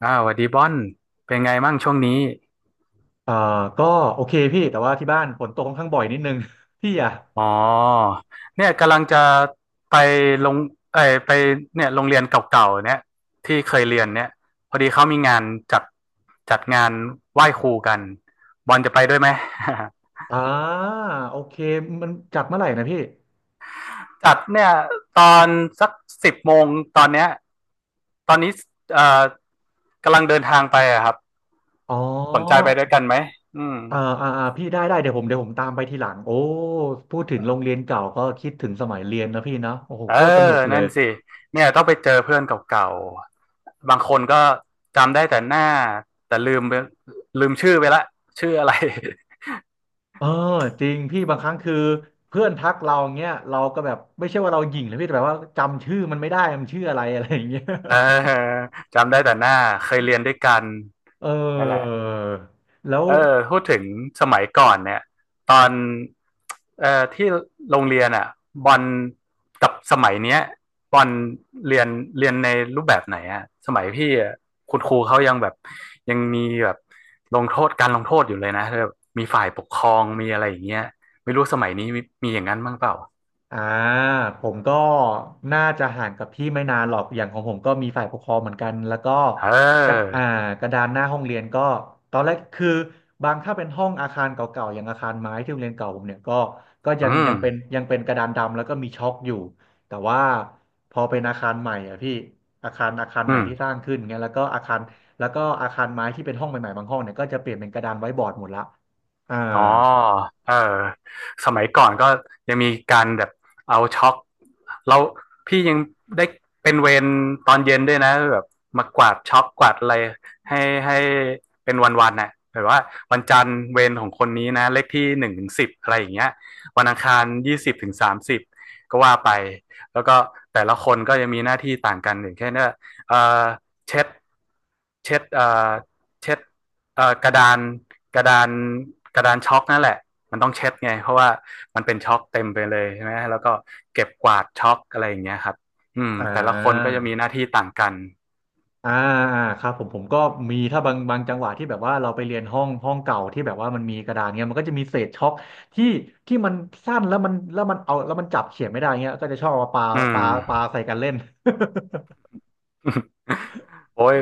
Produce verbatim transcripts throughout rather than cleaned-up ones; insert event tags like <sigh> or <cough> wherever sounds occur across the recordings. อ่าสวัสดีบอนเป็นไงมั่งช่วงนี้อ่าก็โอเคพี่แต่ว่าที่บ้านฝนตกค่อนข้างบ่อยนิดนึง <laughs> พี่อ่ะอ๋อเนี่ยกำลังจะไปลงเอ้ยไปเนี่ยโรงเรียนเก่าๆเนี่ยที่เคยเรียนเนี่ยพอดีเขามีงานจัดจัดงานไหว้ครูกันบอลจะไปด้วยไหม อ่าโอเคมันจัดเมื่อไหร่นะพี่ <laughs> จัดเนี่ยตอนสักสิบโมงตอนเนี้ยตอนนี้เอ่อกำลังเดินทางไปอะครับอ๋อสนใจไปด้วยกันไหมอืม อ่าอ่าอ่าพี่ได้ได้เดี๋ยวผมเดี๋ยวผมตามไปทีหลังโอ้พูดถึงโรงเรียนเก่าก็คิดถึงสมัยเรียนนะพี่เนาะโอ้โหเออโคตรสนุกเลนั่ยนสิเนี่ยต้องไปเจอเพื่อนเก่าๆบางคนก็จำได้แต่หน้าแต่ลืมไปลืมชื่อไปละชื่ออะไร เออจริงพี่บางครั้งคือเพื่อนทักเราเงี้ยเราก็แบบไม่ใช่ว่าเราหยิ่งนะพี่แต่แบบว่าจำชื่อมันไม่ได้มันชื่ออะไรอะไรอย่างเงี้ย <laughs> เออจำได้แต่หน้าเคยเรียนด้วยกัน <laughs> เนั่นแหละ ออแล้ว เออพูดถึงสมัยก่อนเนี่ยตอนเอ่อที่โรงเรียนอ่ะบอลกับสมัยเนี้ยบอลเรียนเรียนในรูปแบบไหนอ่ะสมัยพี่อะคุณครูเขายังแบบยังมีแบบลงโทษการลงโทษอยู่เลยนะแบบมีฝ่ายปกครองมีอะไรอย่างเงี้ยไม่รู้สมัยนี้มีมีอย่างนั้นบ้างเปล่าอ่าผมก็น่าจะห่างกับพี่ไม่นานหรอกอย่างของผมก็มีฝ่ายปกครองเหมือนกันแล้วก็เกระอออ่ากระดานหน้าห้องเรียนก็ตอนแรกคือบางถ้าเป็นห้องอาคารเก่าๆอย่างอาคารไม้ที่โรงเรียนเก่าผมเนี่ยก็ก็ยังอืยังมเป็นยังเป็นกระดานดำแล้วก็มีช็อคอยู่แต่ว่าพอเป็นอาคารใหม่อ่ะพี่อาคารอาคารใหอืม่ม ที่สร้างขึ้นเงี้ยแล้วก็อาคารแล้วก็อาคารไม้ที่เป็นห้องใหม่ๆบางห้องเนี่ยก็จะเปลี่ยนเป็นกระดานไว้บอร์ดหมดละอ่าอ๋อเออสมัยก่อนก็ยังมีการแบบเอาช็อกเราพี่ยังได้เป็นเวรตอนเย็นด้วยนะแบบมากวาดช็อกกวาดอะไรให้ให้เป็นวันๆน่ะแบบว่าวันจันทร์เวรของคนนี้นะเลขที่หนึ่งถึงสิบอะไรอย่างเงี้ยวันอังคารยี่สิบถึงสามสิบก็ว่าไปแล้วก็แต่ละคนก็ยังมีหน้าที่ต่างกันอย่างเช่นว่าเออเช็ดเช็ดเอ่อเช็ดเอ่อกระดาน กระดานกระดานช็อกนั่นแหละมันต้องเช็ดไงเพราะว่ามันเป็นช็อกเต็มไปเลยใช่ไหมแล้วก็เก็บกวาดช็อกอะไรอย่างเงี้ยครับอืมอ่า แต่ละคนก็จะมีหน้าที่ต่างกันอ่าอ่าครับผมผมก็มีถ้าบางบางจังหวะที่แบบว่าเราไปเรียนห้องห้องเก่าที่แบบว่ามันมีกระดานเงี้ยมันก็จะมีเศษช็อกที่ที่มันสั้นแล้วมันแล้วมันเอาแล้วมันจับเขียนไม่ได้เงี้ยก็จะชอบเอามาปาอืปาม ปาใส่กันเล่น <laughs> โอ้ย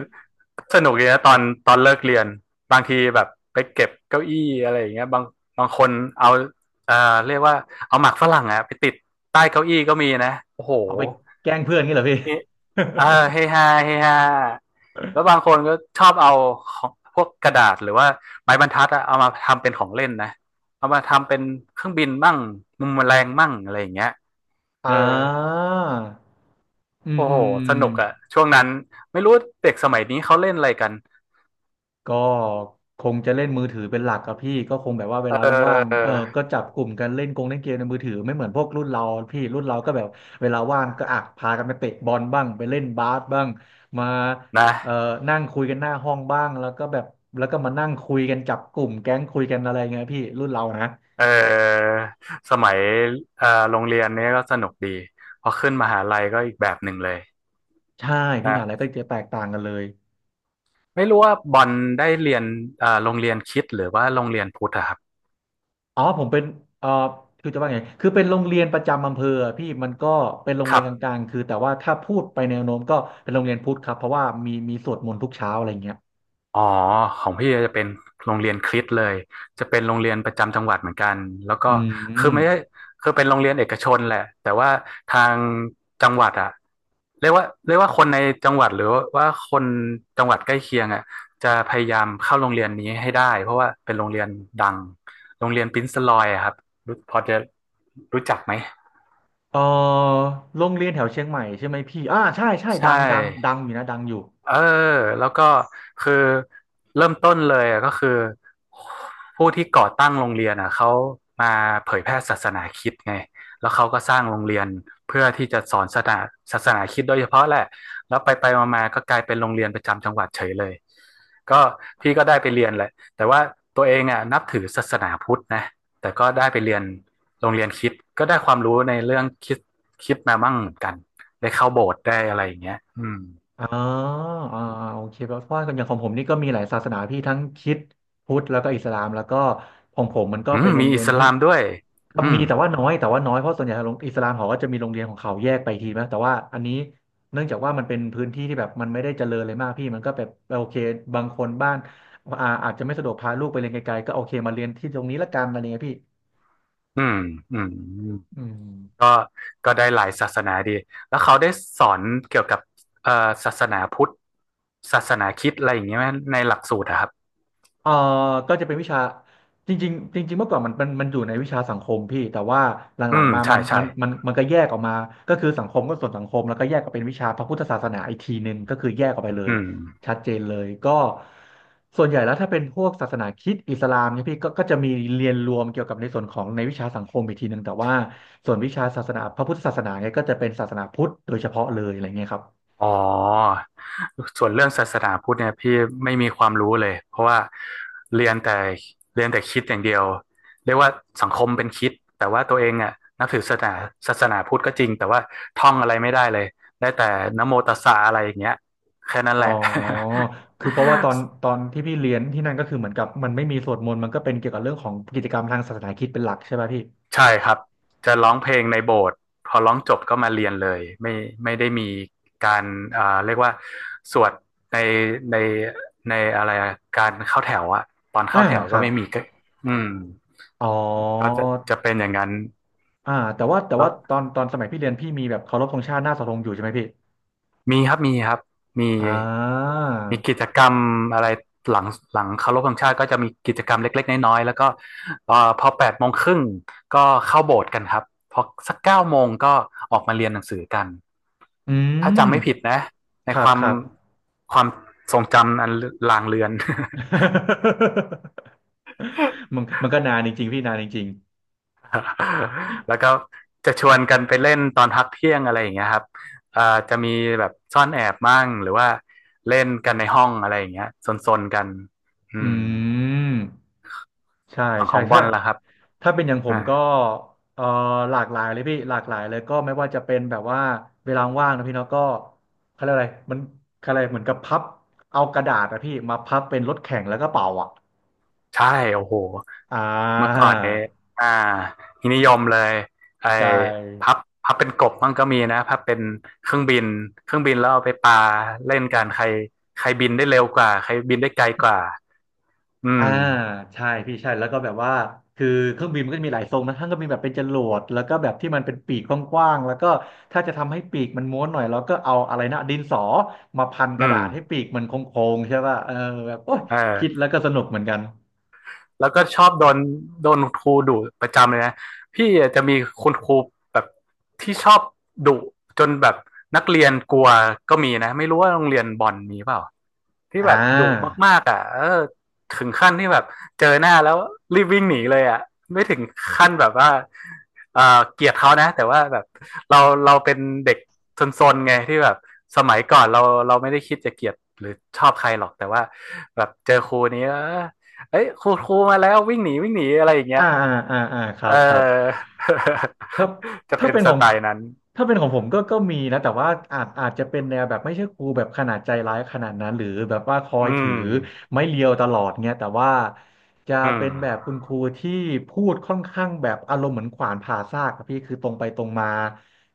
สนุกเลีนะตอนตอนเลิกเรียนบางทีแบบไปเก็บเก้าอี้อะไรอย่างเงี้ยบางบางคนเอาเอ่อเรียกว่าเอาหมากฝรั่งอะไปติดใต้เก้าอี้ก็มีนะโอ้โห <laughs> เอาไปแกล้งเพื่อนงี้เหรอพี่ เฮเออเฮฮาเฮฮาแล้วบางคนก็ชอบเอาของพวกกระดาษหรือว่าไม้บรรทัดอะเอามาทำเป็นของเล่นนะเอามาทำเป็นเครื่องบินมั่งมุมแมลงมั่งอะไรอย่างเงี้ย <laughs> อ่เออาอืมโอ้อืโหม สนุกอะช่วงนั้นไม่รู้เด็กสมัยนี้เขาเล่นอะไรกันก็คงจะเล่นมือถือเป็นหลักครับพี่ก็คงแบบว่าเวเลาว่างๆออเออก็จับกลุ่มกันเล่นกงเล่นเกมในมือถือไม่เหมือนพวกรุ่นเราพี่รุ่นเราก็แบบเวลาว่างก็อ่ะพากันไปเตะบอลบ้างไปเล่นบาสบ้างมานะเอ่อนั่งคุยกันหน้าห้องบ้างแล้วก็แบบแล้วก็มานั่งคุยกันจับกลุ่มแก๊งคุยกันอะไรเงี้ยพี่รุ่นเรานะเออสมัยเอ่อโรงเรียนเนี้ยก็สนุกดีพอขึ้นมหาลัยก็อีกแบบหนึ่งเลยใช่พี่มนะหาลัยก็จะแตกต่างกันเลย ไม่รู้ว่าบอลได้เรียนเอ่อโรงเรียนคริสต์หรือว่าโรงเรียนพุทธอะครับ อ๋อผมเป็นเอ่อคือจะว่าไงคือเป็นโรงเรียนประจำอำเภออะพี่มันก็เป็นโรงคเรียรันบกลางๆคือแต่ว่าถ้าพูดไปแนวโน้มก็เป็นโรงเรียนพุทธครับเพราะว่ามีมีสวดมนต์ทุกเช้าอะไรเงี้ยอ๋อของพี่จะเป็นโรงเรียนคริสต์เลยจะเป็นโรงเรียนประจำจังหวัดเหมือนกันแล้วก็อืคืมอไม่ได้คือเป็นโรงเรียนเอกชนแหละแต่ว่าทางจังหวัดอะเรียกว่าเรียกว่าคนในจังหวัดหรือว่าคนจังหวัดใกล้เคียงอะจะพยายามเข้าโรงเรียนนี้ให้ได้เพราะว่าเป็นโรงเรียนดังโรงเรียนปรินซ์ลอยอะครับรู้พอจะรู้จักไหมเอ่อโรงเรียนแถวเชียงใหม่ใช่ไหมพี่อ่าใช่ใช่ใชดังดังดัง่ อยู่นะดังอยู่ เออแล้วก็คือเริ่มต้นเลยอะก็คือผู้ที่ก่อตั้งโรงเรียนอ่ะเขามาเผยแพร่ศาสนาคริสต์ไงแล้วเขาก็สร้างโรงเรียนเพื่อที่จะสอนศาสนาศาสนาคริสต์โดยเฉพาะแหละแล้วไปไปมาๆก็กลายเป็นโรงเรียนประจำจังหวัดเฉยเลยก็พี่ก็ได้ไปเรียนแหละแต่ว่าตัวเองอ่ะนับถือศาสนาพุทธนะแต่ก็ได้ไปเรียนโรงเรียนคริสต์ก็ได้ความรู้ในเรื่องคริสต์คริสต์มาบ้างเหมือนกันได้เข้าโบสถ์ได้อะไรอย่างเงี้ยอืม อ๋ออ่าอ่าโอเคเพราะว่าอย่างของผมนี่ก็มีหลายศาสนาพี่ทั้งคริสต์พุทธแล้วก็อิสลามแล้วก็ของผมมันก็อืเป็มนโรมีงเรีอิยนสที่ลามด้วยครั็อืมีมแต่ว่าน้อยแต่ว่าน้อยเพราะส่วนใหญ่โรงอิสลามเขาก็จะมีโรงเรียนของเขาแยกไปทีนะแต่ว่าอันนี้เนื่องจากว่ามันเป็นพื้นที่ที่แบบมันไม่ได้เจริญเลยมากพี่มันก็แบบโอเคบางคนบ้านอ่าอาจจะไม่สะดวกพาลูกไปเรียนไกลๆก็โอเคมาเรียนที่ตรงนี้ละกันอะไรเงี้ยพี่อืมอืมอืม ก็ก็ได้หลายศาสนาดี แล้วเขาได้สอนเกี่ยวกับเอ่อศาสนาพุทธศาสนาคริสต์อะไรอย่างเงี้ยไหมในหลักสูตรอะครับเอ่อก็จะเป็นวิชาจริงๆจริงๆเมื่อก่อนมันมันมันอยู่ในวิชาสังคมพี่แต่ว่าหอืลังมๆมาใช่มันใช่มันมันมันก็แยกออกมาก็คือสังคมก็ส่วนสังคมแล้วก็แยกก็เป็นวิชาพระพุทธศาสนาอีกทีหนึ่งก็คือแยกออกไปเลยอืม ชัดเจนเลยก็ส่วนใหญ่แล้วถ้าเป็นพวกศาสนาคริสต์อิสลามเนี่ยพี่ก็ก็จะมีเรียนรวมเกี่ยวกับในส่วนของในวิชาสังคมอีกทีหนึ่งแต่ว่าส่วนวิชาศาสนาพระพุทธศาสนาเนี่ยก็จะเป็นศาสนาพุทธโดยเฉพาะเลยอะไรเงี้ยครับ อ๋อส่วนเรื่องศาสนาพุทธเนี่ยพี่ไม่มีความรู้เลยเพราะว่าเรียนแต่เรียนแต่คริดอย่างเดียวเรียกว่าสังคมเป็นคริดแต่ว่าตัวเองอ่ะนับถือศาสนาศาสนาพุทธก็จริงแต่ว่าท่องอะไรไม่ได้เลยได้แต่นะโมตัสสะอะไรอย่างเงี้ยแค่นั้นอ๋แหอละ คือเพราะว่าตอน <laughs> ตอนที่พี่เรียนที่นั่นก็คือเหมือนกับมันไม่มีสวดมนต์มันก็เป็นเกี่ยวกับเรื่องของกิจกรรมทางศาสนาคริสต์เป็นหลักใช่ไหมพี่ใช่ครับจะร้องเพลงในโบสถ์พอร้องจบก็มาเรียนเลยไม่ไม่ได้มีการเอ่าเรียกว่าสวดในในในอะไรอะการเข้าแถวอะตอนเข้าอ่าแถวคก็รับไม่มีก็อืมอ๋อก็จะจะเป็นอย่างนั้นอ่าแต่ว่าแต่แล้ว่าวตอนตอนสมัยพี่เรียนพี่มีแบบเคารพธงชาติหน้าเสาธงอยู่ใช่ไหมพี่มีครับมีครับมีอ่ามีกิจกรรมอะไรหลังหลังเคารพธงชาติก็จะมีกิจกรรมเล็กๆน้อยๆแล้วก็เอ่อพอแปดโมงครึ่งก็เข้าโบสถ์กันครับพอสักเก้าโมงก็ออกมาเรียนหนังสือกัน อืถ้ามจำไม่ผิดนะในครัคบวามครับ ความทรงจำอันลางเลือน <laughs> มันมันก็นานจริงๆพี่นานจริง <laughs> แล้วก็จะชวนกันไปเล่นตอนพักเที่ยงอะไรอย่างเงี้ยครับเอ่อจะมีแบบซ่อนแอบมั่งหรือว่าเล่นกันในห้องอะไรอย่างเงี้ยซนๆกันๆอือืมม ใช่ฝั่งขใช่องบถ้าอลล่ะครับถ้าเป็นอย่างผอ่า มก็เอ่อหลากหลายเลยพี่หลากหลายเลยก็ไม่ว่าจะเป็นแบบว่าเวลาว่างนะพี่เนาะก็เขาเรียกอะไรมันเขาเรียกอะไรเหมือนกับพับเอากระดาษอะพี่มาพับเป็นรถแข่งแล้วก็เป่าอ่ะใช่โอ้โหอ่เมื่อาก่อนเนี่ยอ่านิยมเลยไอ้ใช่ พับพับเป็นกบมั่งก็มีนะพับเป็นเครื่องบินเครื่องบินแล้วเอาไปปาเล่นกันใครใครบินได้เร็วกว่าใครบินได้ไกลกว่าอือ่ามใช่พี่ใช่แล้วก็แบบว่าคือเครื่องบินมันก็จะมีหลายทรงนะทั้งก็มีแบบเป็นจรวดแล้วก็แบบที่มันเป็นปีกกว้างๆแล้วก็ถ้าจะทำให้ปีกมันม้วนหน่อยเราก็เอาอะไรนะดินสอมาพันกอืระมดาษให้ปีกมันโค้งๆใช่ป่ะเออแบบโอ๊ยเอคิดอแล้วก็สนุกเหมือนกันแล้วก็ชอบโดนโดนครูดุประจำเลยนะพี่อาจจะมีคุณครูแบบที่ชอบดุจนแบบนักเรียนกลัวก็มีนะไม่รู้ว่าโรงเรียนบอลมีเปล่า ที่อ่แบบดุามากๆอ่ะเออถึงขั้นที่แบบเจอหน้าแล้วรีบวิ่งหนีเลยอ่ะไม่ถึงขั้นแบบว่าเออเกลียดเขานะแต่ว่าแบบเราเราเป็นเด็กซนๆไงที่แบบสมัยก่อนเราเราไม่ได้คิดจะเกลียดหรือชอบใครหรอกแต่ว่าแบบเจอครูนี้เออเอ้ยครูครูมาแล้ววิ่งหนีวิ่งหนีอะไรอย่างเงี้อ่ายอ่าอ่าอ่าครัเอบครับ อ ครับ <laughs> จะถ้าเป็นเป็นสของไตล์นั้นถ้าเป็นของผมก็ก็มีนะแต่ว่าอาจอาจจะเป็นแนวแบบไม่ใช่ครูแบบขนาดใจร้ายขนาดนั้นหรือแบบว่าคออืยถือมไม้เรียวตลอดเงี้ยแต่ว่าจะอืมเป็นแบบคุณครูที่พูดค่อนข้างแบบอารมณ์เหมือนขวานผ่าซากครับพี่คือตรงไปตรงมา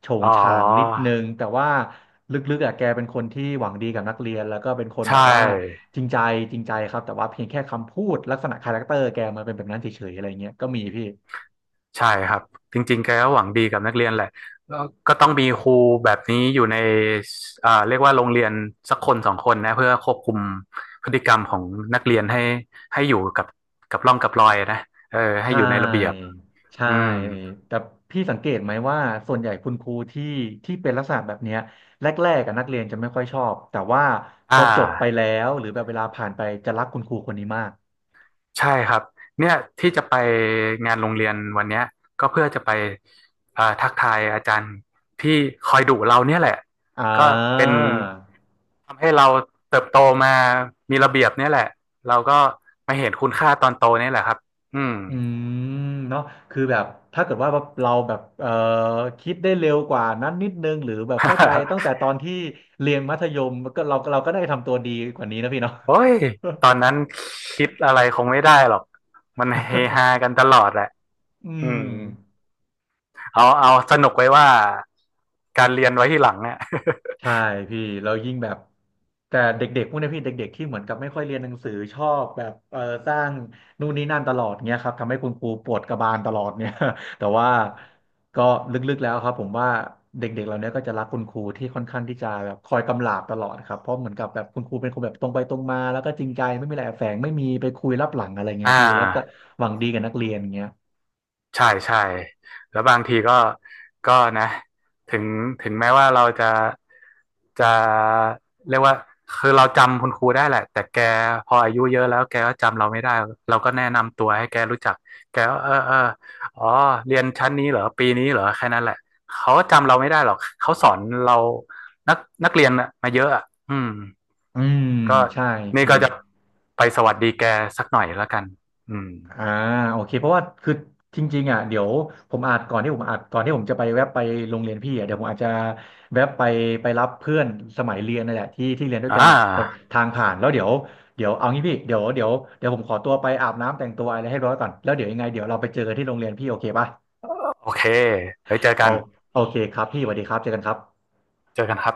โฉงอ๋อฉางนิดนึงแต่ว่าลึกๆอ่ะแกเป็นคนที่หวังดีกับนักเรียนแล้วก็เป็นคนใชแบบว่า่ จริงใจจริงใจครับแต่ว่าเพียงแค่คำพูดลักษณะคาแรคเตอร์แกมันเป็นแบบนั้นเฉยๆอะไรเงี้ยก็มีพี่ ใช่ครับจริงๆแกก็หวังดีกับนักเรียนแหละแล้วก็ต้องมีครูแบบนี้อยู่ในอ่าเรียกว่าโรงเรียนสักคนสองคนนะเพื่อควบคุมพฤติกรรมของนักเรียนให้ให้อยู่กับกับร่องกับรอยนะเออใชให้อยู่ในระเบียบ่ใช่อืมแต่พี่สังเกตไหมว่าส่วนใหญ่คุณครูที่ที่เป็นลักษณะแบบเนี้ยแรกๆกับนักเรียนจะไม่ค่อยชอบแต่ว่าพอ่าอจบไปแล้วหรือแบบเวลาผ่านไปจะรักคุณครูคนนี้มากใช่ครับเนี่ยที่จะไปงานโรงเรียนวันเนี้ยก็เพื่อจะไปอ่าทักทายอาจารย์ที่คอยดุเราเนี่ยแหละอ่ก็เป็น าทำให้เราเติบโตมามีระเบียบเนี่ยแหละ เราก็มาเห็นคุณค่าตอนโตเนี่ยแหละครับ อืม อืมเนาะคือแบบถ้าเกิดว่าเราแบบเอ่อคิดได้เร็วกว่านั้นนิดนึงหรือแบบเข้าใจตั้งแต่ต <laughs> อนที่เรียนมัธยมก็เราเราก็ได้ทำตัวดีกว่านี้นะพี่เนาะ โอ้ยตอนนั้นคิดอะไรคงไม่ได้หรอก มันเฮฮา <laughs> กันตลอดแหละอือืมม เอาเอาสนุกไว้ว่าการเรียนไว้ที่หลังเนี่ย ใช่พี่เรายิ่งแบบแต่เด็กๆพวกเนี้ยพี่เด็กๆที่เหมือนกับไม่ค่อยเรียนหนังสือชอบแบบเออสร้างนู่นนี่นั่นตลอดเงี้ยครับทำให้คุณครูปวดกระบาลตลอดเนี่ย <laughs> แต่ว่าก็ลึกๆแล้วครับผมว่าเด็กๆเราเนี้ยก็จะรักคุณครูที่ค่อนข้างที่จะแบบคอยกำลาบตลอดครับเพราะเหมือนกับแบบคุณครูเป็นคนแบบตรงไปตรงมาแล้วก็จริงใจไม่มีอะไรแอบแฝงไม่มีไปคุยลับหลังอะไร <laughs> เงี้ยอ่า พี่แล้วก็หวังดีกับนักเรียนเงี้ยใช่ใช่แล้วบางทีก็ก็นะถึงถึงแม้ว่าเราจะจะเรียกว่าคือเราจำคุณครูได้แหละแต่แกพออายุเยอะแล้วแกก็จำเราไม่ได้เราก็แนะนำตัวให้แกรู้จักแกก็เออเอออ๋อเรียนชั้นนี้เหรอปีนี้เหรอแค่นั้นแหละเขาจำเราไม่ได้หรอกเขาสอนเรานักนักเรียนน่ะมาเยอะอ่ะอืมอืมก็ใช่นี่พี่ ก็จะไปสวัสดีแกสักหน่อยแล้วกันอืมอ่าโอเคเพราะว่าคือจริงๆอ่ะเดี๋ยวผมอาจก่อนที่ผมอาจก่อนที่ผมจะไปแวะไปโรงเรียนพี่อ่ะเดี๋ยวผมอาจจะแวะไปไปรับเพื่อนสมัยเรียนนั่นแหละที่ที่เรียนด้วยอ่กันอ่ะตรงาทางผ่านแล้วเดี๋ยวเดี๋ยวเอางี้พี่เดี๋ยวเดี๋ยวเดี๋ยวผมขอตัวไปอาบน้ำแต่งตัวอะไรให้ร้อยก่อนแล้วเดี๋ยวยังไงเดี๋ยวเราไปเจอกันที่โรงเรียนพี่โอเคป่ะโอเคไป้ยเจอเอากัน โอเคครับพี่สวัสดีครับเจอกันครับเจอกันครับ